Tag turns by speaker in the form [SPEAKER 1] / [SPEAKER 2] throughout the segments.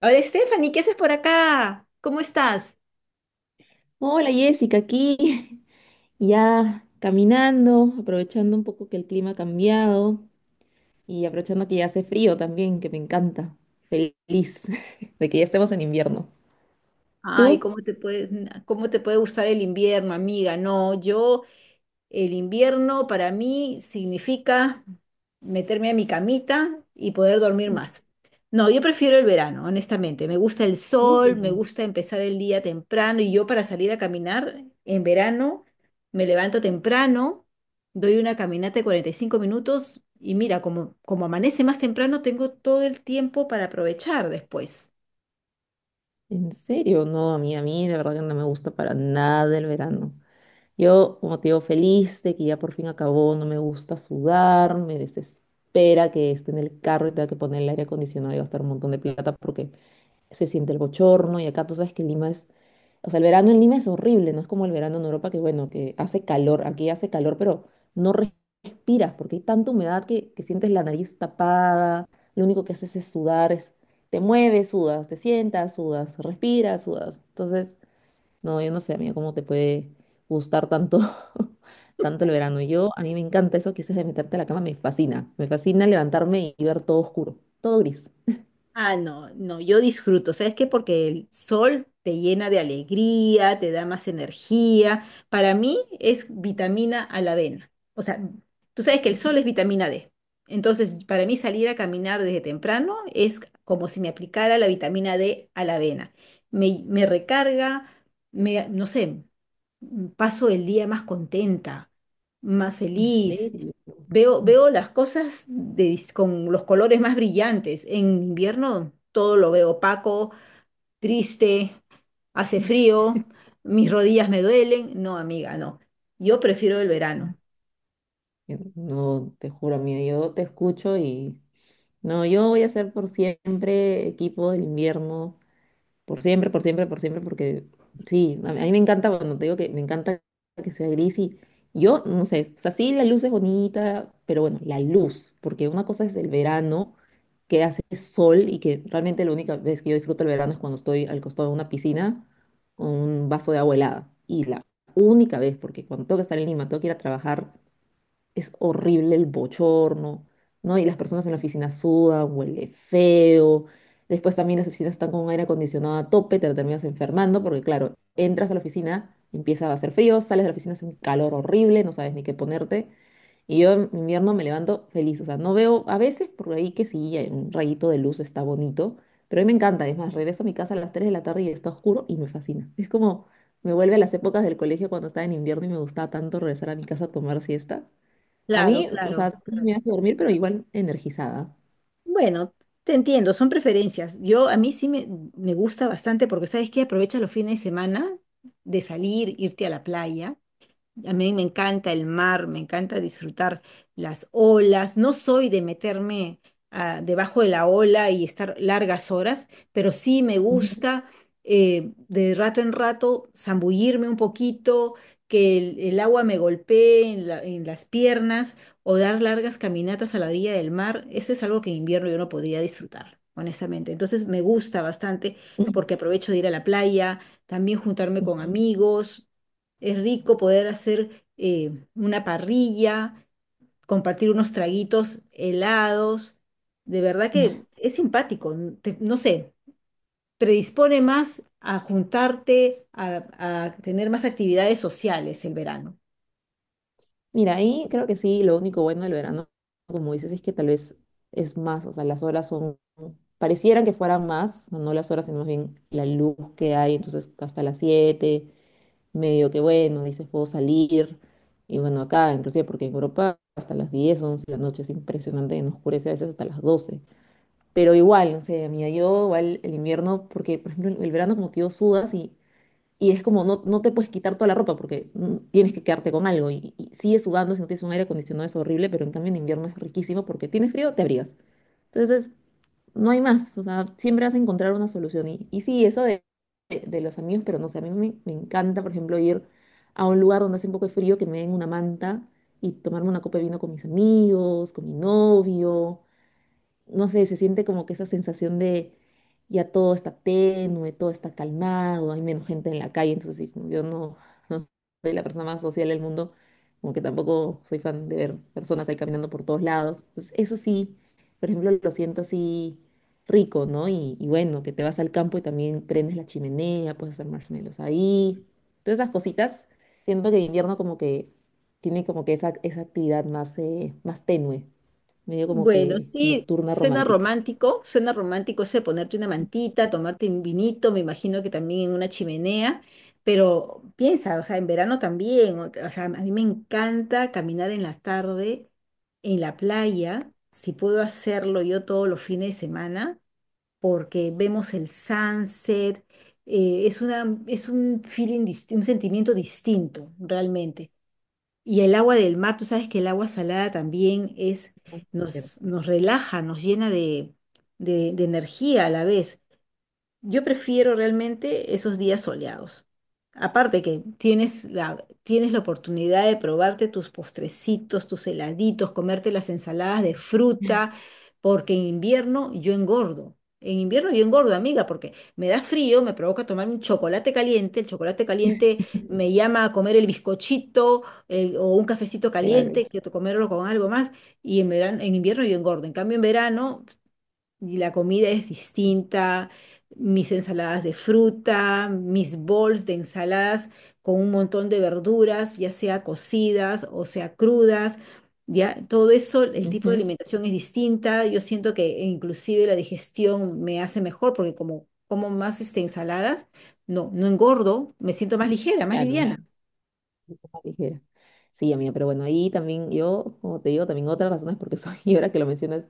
[SPEAKER 1] Hola, Stephanie, ¿qué haces por acá? ¿Cómo estás?
[SPEAKER 2] Hola Jessica, aquí ya caminando, aprovechando un poco que el clima ha cambiado y aprovechando que ya hace frío también, que me encanta. Feliz de que ya estemos en invierno.
[SPEAKER 1] Ay,
[SPEAKER 2] ¿Tú?
[SPEAKER 1] ¿cómo te puede gustar el invierno, amiga? No. yo El invierno para mí significa meterme a mi camita y poder dormir más. No, yo prefiero el verano, honestamente. Me gusta el sol, me
[SPEAKER 2] Mm.
[SPEAKER 1] gusta empezar el día temprano y yo para salir a caminar en verano me levanto temprano, doy una caminata de 45 minutos y mira, como amanece más temprano, tengo todo el tiempo para aprovechar después.
[SPEAKER 2] ¿En serio? No, a mí, de verdad que no me gusta para nada el verano. Yo, como te digo, feliz de que ya por fin acabó, no me gusta sudar, me desespera que esté en el carro y tenga que poner el aire acondicionado y gastar un montón de plata porque se siente el bochorno y acá tú sabes que Lima es, o sea, el verano en Lima es horrible, no es como el verano en Europa que bueno, que hace calor, aquí hace calor, pero no respiras porque hay tanta humedad que sientes la nariz tapada, lo único que haces es sudar, es, te mueves, sudas, te sientas, sudas, respiras, sudas. Entonces, no, yo no sé, amiga, cómo te puede gustar tanto. Tanto el verano. Yo, a mí me encanta eso que dices de meterte a la cama, me fascina. Me fascina levantarme y ver todo oscuro, todo gris.
[SPEAKER 1] Ah, no, no, yo disfruto, ¿sabes qué? Porque el sol te llena de alegría, te da más energía. Para mí es vitamina a la avena. O sea, tú sabes que el sol es vitamina D. Entonces, para mí salir a caminar desde temprano es como si me aplicara la vitamina D a la avena. Me recarga, no sé, paso el día más contenta, más
[SPEAKER 2] ¿En
[SPEAKER 1] feliz.
[SPEAKER 2] serio?
[SPEAKER 1] Veo las cosas con los colores más brillantes. En invierno todo lo veo opaco, triste, hace frío, mis rodillas me duelen. No, amiga, no. Yo prefiero el verano.
[SPEAKER 2] Yo no, te juro, amiga, yo te escucho y no, yo voy a ser por siempre equipo del invierno, por siempre, por siempre, por siempre, porque sí, a mí me encanta, cuando te digo que me encanta que sea gris y yo, no sé, o sea, sí, la luz es bonita, pero bueno, la luz, porque una cosa es el verano, que hace sol y que realmente la única vez que yo disfruto el verano es cuando estoy al costado de una piscina con un vaso de agua helada. Y la única vez, porque cuando tengo que estar en Lima, tengo que ir a trabajar es horrible el bochorno, ¿no? Y las personas en la oficina sudan, huele feo. Después también las oficinas están con aire acondicionado a tope, te terminas enfermando porque, claro, entras a la oficina, empieza a hacer frío, sales de la oficina, hace un calor horrible, no sabes ni qué ponerte. Y yo en invierno me levanto feliz, o sea, no veo a veces por ahí que sí, hay un rayito de luz está bonito, pero a mí me encanta. Es más, regreso a mi casa a las 3 de la tarde y está oscuro y me fascina. Es como me vuelve a las épocas del colegio cuando estaba en invierno y me gustaba tanto regresar a mi casa a tomar siesta. A
[SPEAKER 1] Claro,
[SPEAKER 2] mí, o
[SPEAKER 1] claro.
[SPEAKER 2] sea, sí me hace dormir, pero igual energizada.
[SPEAKER 1] Bueno, te entiendo, son preferencias. Yo a mí sí me gusta bastante porque sabes que aprovecha los fines de semana de salir, irte a la playa. A mí me encanta el mar, me encanta disfrutar las olas. No soy de meterme debajo de la ola y estar largas horas, pero sí me
[SPEAKER 2] Ujú.
[SPEAKER 1] gusta de rato en rato zambullirme un poquito, que el agua me golpee en las piernas o dar largas caminatas a la orilla del mar. Eso es algo que en invierno yo no podría disfrutar, honestamente. Entonces me gusta bastante porque aprovecho de ir a la playa, también juntarme con
[SPEAKER 2] Ujú.
[SPEAKER 1] amigos. Es rico poder hacer una parrilla, compartir unos traguitos helados. De verdad que es simpático, no sé, predispone más a juntarte, a tener más actividades sociales el verano.
[SPEAKER 2] Mira, ahí creo que sí, lo único bueno del verano, como dices, es que tal vez es más, o sea, las horas son, parecieran que fueran más, o no las horas, sino más bien la luz que hay, entonces hasta las 7 medio que bueno, dices, puedo salir, y bueno, acá, inclusive porque en Europa hasta las 10, 11, de la noche es impresionante, nos oscurece a veces hasta las 12, pero igual, no sé, mira, yo igual el invierno, porque por ejemplo el verano como tío sudas y es como, no, no te puedes quitar toda la ropa porque tienes que quedarte con algo. Y sigues sudando si no tienes un aire acondicionado, es horrible, pero en cambio en invierno es riquísimo porque tienes frío, te abrigas. Entonces, no hay más. O sea, siempre vas a encontrar una solución. Y sí, eso de los amigos, pero no sé, a mí me encanta, por ejemplo, ir a un lugar donde hace un poco de frío, que me den una manta y tomarme una copa de vino con mis amigos, con mi novio, no sé, se siente como que esa sensación de ya todo está tenue, todo está calmado, hay menos gente en la calle, entonces sí, como yo no, no soy la persona más social del mundo, como que tampoco soy fan de ver personas ahí caminando por todos lados. Entonces eso sí, por ejemplo, lo siento así rico, ¿no? Y bueno, que te vas al campo y también prendes la chimenea, puedes hacer marshmallows ahí, todas esas cositas, siento que en invierno como que tiene como que esa actividad más, más tenue, medio como que
[SPEAKER 1] Bueno, sí,
[SPEAKER 2] nocturna romántica.
[SPEAKER 1] suena romántico ese de ponerte una mantita, tomarte un vinito, me imagino que también en una chimenea, pero piensa, o sea, en verano también, o sea, a mí me encanta caminar en la tarde en la playa, si puedo hacerlo yo todos los fines de semana, porque vemos el sunset, es un feeling, un sentimiento distinto realmente. Y el agua del mar, tú sabes que el agua salada también
[SPEAKER 2] Ah,
[SPEAKER 1] nos,
[SPEAKER 2] cierto.
[SPEAKER 1] nos relaja, nos llena de energía a la vez. Yo prefiero realmente esos días soleados. Aparte que tienes la oportunidad de probarte tus postrecitos, tus heladitos, comerte las ensaladas de fruta, porque en invierno yo engordo. En invierno yo engordo, amiga, porque me da frío, me provoca tomar un chocolate caliente, el chocolate caliente me llama a comer el bizcochito o un cafecito
[SPEAKER 2] Claro.
[SPEAKER 1] caliente, que comerlo con algo más, y en invierno yo engordo. En cambio, en verano y la comida es distinta, mis ensaladas de fruta, mis bowls de ensaladas con un montón de verduras, ya sea cocidas o sea crudas, ya todo eso, el tipo de
[SPEAKER 2] Ujú.
[SPEAKER 1] alimentación es distinta, yo siento que inclusive la digestión me hace mejor porque como más ensaladas, no, no engordo, me siento más ligera, más
[SPEAKER 2] Claro,
[SPEAKER 1] liviana.
[SPEAKER 2] más ligera. Sí, amiga, pero bueno, ahí también yo, como te digo, también otra razón es porque soy, y ahora que lo mencionas,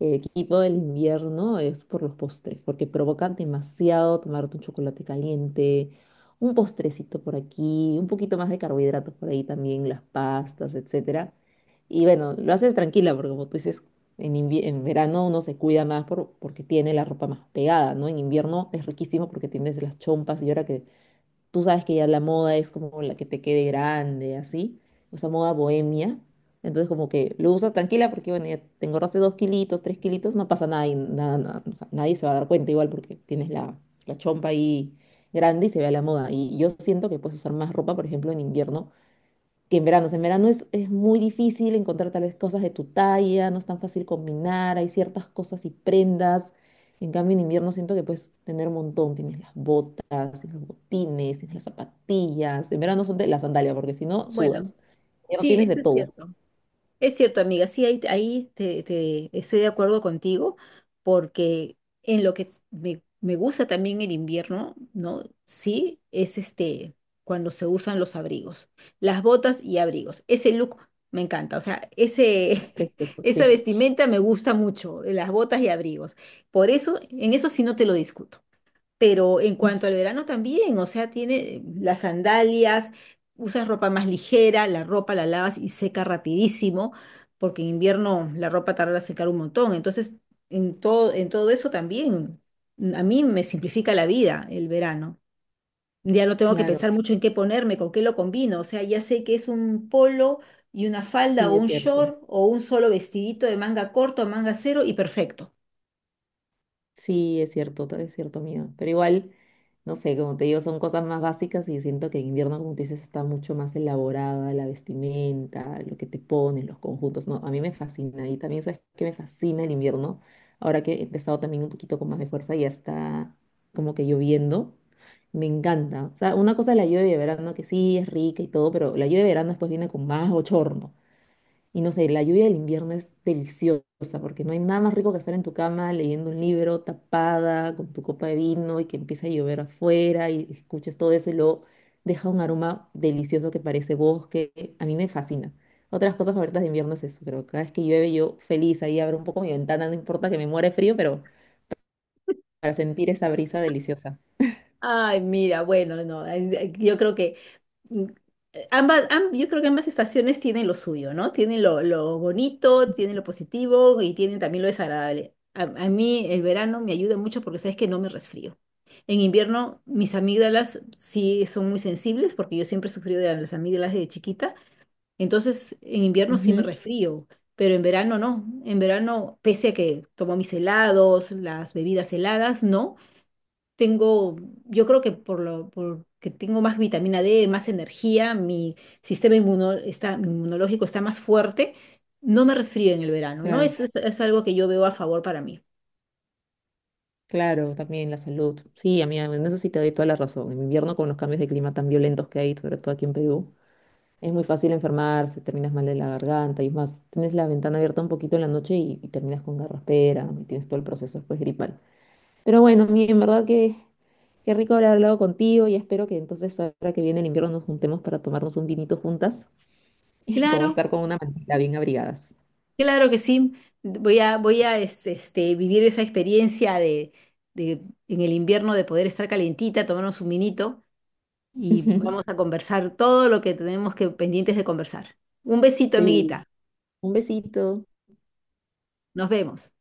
[SPEAKER 2] equipo del invierno es por los postres, porque provocan demasiado tomarte un chocolate caliente, un postrecito por aquí, un poquito más de carbohidratos por ahí también, las pastas, etcétera. Y bueno, lo haces tranquila, porque como tú dices, en verano uno se cuida más porque tiene la ropa más pegada, ¿no? En invierno es riquísimo porque tienes las chompas y ahora que tú sabes que ya la moda es como la que te quede grande, así, o sea, moda bohemia. Entonces, como que lo usas tranquila porque, bueno, ya te engordaste dos kilitos, tres kilitos, no pasa nada, y nada, nada, o sea, nadie se va a dar cuenta igual porque tienes la chompa ahí grande y se ve a la moda. Y yo siento que puedes usar más ropa, por ejemplo, en invierno que en verano. O sea, en verano es muy difícil encontrar tal vez cosas de tu talla, no es tan fácil combinar, hay ciertas cosas y prendas. En cambio, en invierno siento que puedes tener un montón. Tienes las botas, tienes los botines, tienes las zapatillas. En verano son de la sandalia, porque si no,
[SPEAKER 1] Bueno,
[SPEAKER 2] sudas. Ya no
[SPEAKER 1] sí,
[SPEAKER 2] tienes de
[SPEAKER 1] eso es
[SPEAKER 2] todo.
[SPEAKER 1] cierto. Es cierto, amiga, sí, ahí estoy de acuerdo contigo, porque en lo que es- me gusta también el invierno, ¿no? Sí, es este, cuando se usan los abrigos, las botas y abrigos. Ese look me encanta, o sea,
[SPEAKER 2] Es precioso,
[SPEAKER 1] esa
[SPEAKER 2] sí.
[SPEAKER 1] vestimenta me gusta mucho, las botas y abrigos. Por eso, en eso sí no te lo discuto. Pero en cuanto al verano también, o sea, tiene las sandalias, usas ropa más ligera, la ropa la lavas y seca rapidísimo, porque en invierno la ropa tarda en secar un montón. Entonces, en todo eso también, a mí me simplifica la vida el verano. Ya no tengo que
[SPEAKER 2] Claro,
[SPEAKER 1] pensar mucho en qué ponerme, con qué lo combino. O sea, ya sé que es un polo y una falda
[SPEAKER 2] sí,
[SPEAKER 1] o
[SPEAKER 2] es
[SPEAKER 1] un
[SPEAKER 2] cierto.
[SPEAKER 1] short o un solo vestidito de manga corto, manga cero y perfecto.
[SPEAKER 2] Sí, es cierto, es cierto, amiga. Pero igual, no sé, como te digo, son cosas más básicas y siento que en invierno, como tú dices, está mucho más elaborada la vestimenta, lo que te pones, los conjuntos, ¿no? A mí me fascina y también, ¿sabes qué me fascina el invierno? Ahora que he empezado también un poquito con más de fuerza y ya está como que lloviendo, me encanta. O sea, una cosa es la lluvia de verano, que sí, es rica y todo, pero la lluvia de verano después viene con más bochorno. Y no sé, la lluvia del invierno es deliciosa porque no hay nada más rico que estar en tu cama leyendo un libro tapada con tu copa de vino y que empieza a llover afuera y escuches todo eso y luego deja un aroma delicioso que parece bosque. A mí me fascina. Otras cosas favoritas de invierno es eso, pero cada vez que llueve yo feliz ahí abro un poco mi ventana, no importa que me muera de frío, pero para sentir esa brisa deliciosa.
[SPEAKER 1] Ay, mira, bueno, no, ay, ay, mm, yo creo que ambas estaciones tienen lo suyo, ¿no? Tienen lo bonito, tienen lo positivo y tienen también lo desagradable. A mí el verano me ayuda mucho porque sabes que no me resfrío. En invierno mis amígdalas sí son muy sensibles porque yo siempre he sufrido de las amígdalas de chiquita. Entonces en invierno sí me
[SPEAKER 2] Ujú.
[SPEAKER 1] resfrío, pero en verano no. En verano, pese a que tomo mis helados, las bebidas heladas, no tengo, yo creo que porque tengo más vitamina D, más energía, mi sistema inmunológico está más fuerte, no me resfrío en el verano, ¿no?
[SPEAKER 2] Claro,
[SPEAKER 1] Eso es algo que yo veo a favor para mí.
[SPEAKER 2] claro, también la salud. Sí, amiga, en eso sí te doy toda la razón. En invierno con los cambios de clima tan violentos que hay, sobre todo aquí en Perú. Es muy fácil enfermarse, terminas mal de la garganta y es más, tienes la ventana abierta un poquito en la noche y terminas con garraspera y tienes todo el proceso después gripal. Pero bueno, en verdad que qué rico haber hablado contigo y espero que entonces ahora que viene el invierno nos juntemos para tomarnos un vinito juntas y como
[SPEAKER 1] Claro,
[SPEAKER 2] estar con una mantita bien abrigadas.
[SPEAKER 1] claro que sí. Voy a vivir esa experiencia de, de en el invierno de poder estar calientita, tomarnos un vinito y vamos a conversar todo lo que tenemos que pendientes de conversar. Un besito,
[SPEAKER 2] Sí,
[SPEAKER 1] amiguita.
[SPEAKER 2] un besito.
[SPEAKER 1] Nos vemos.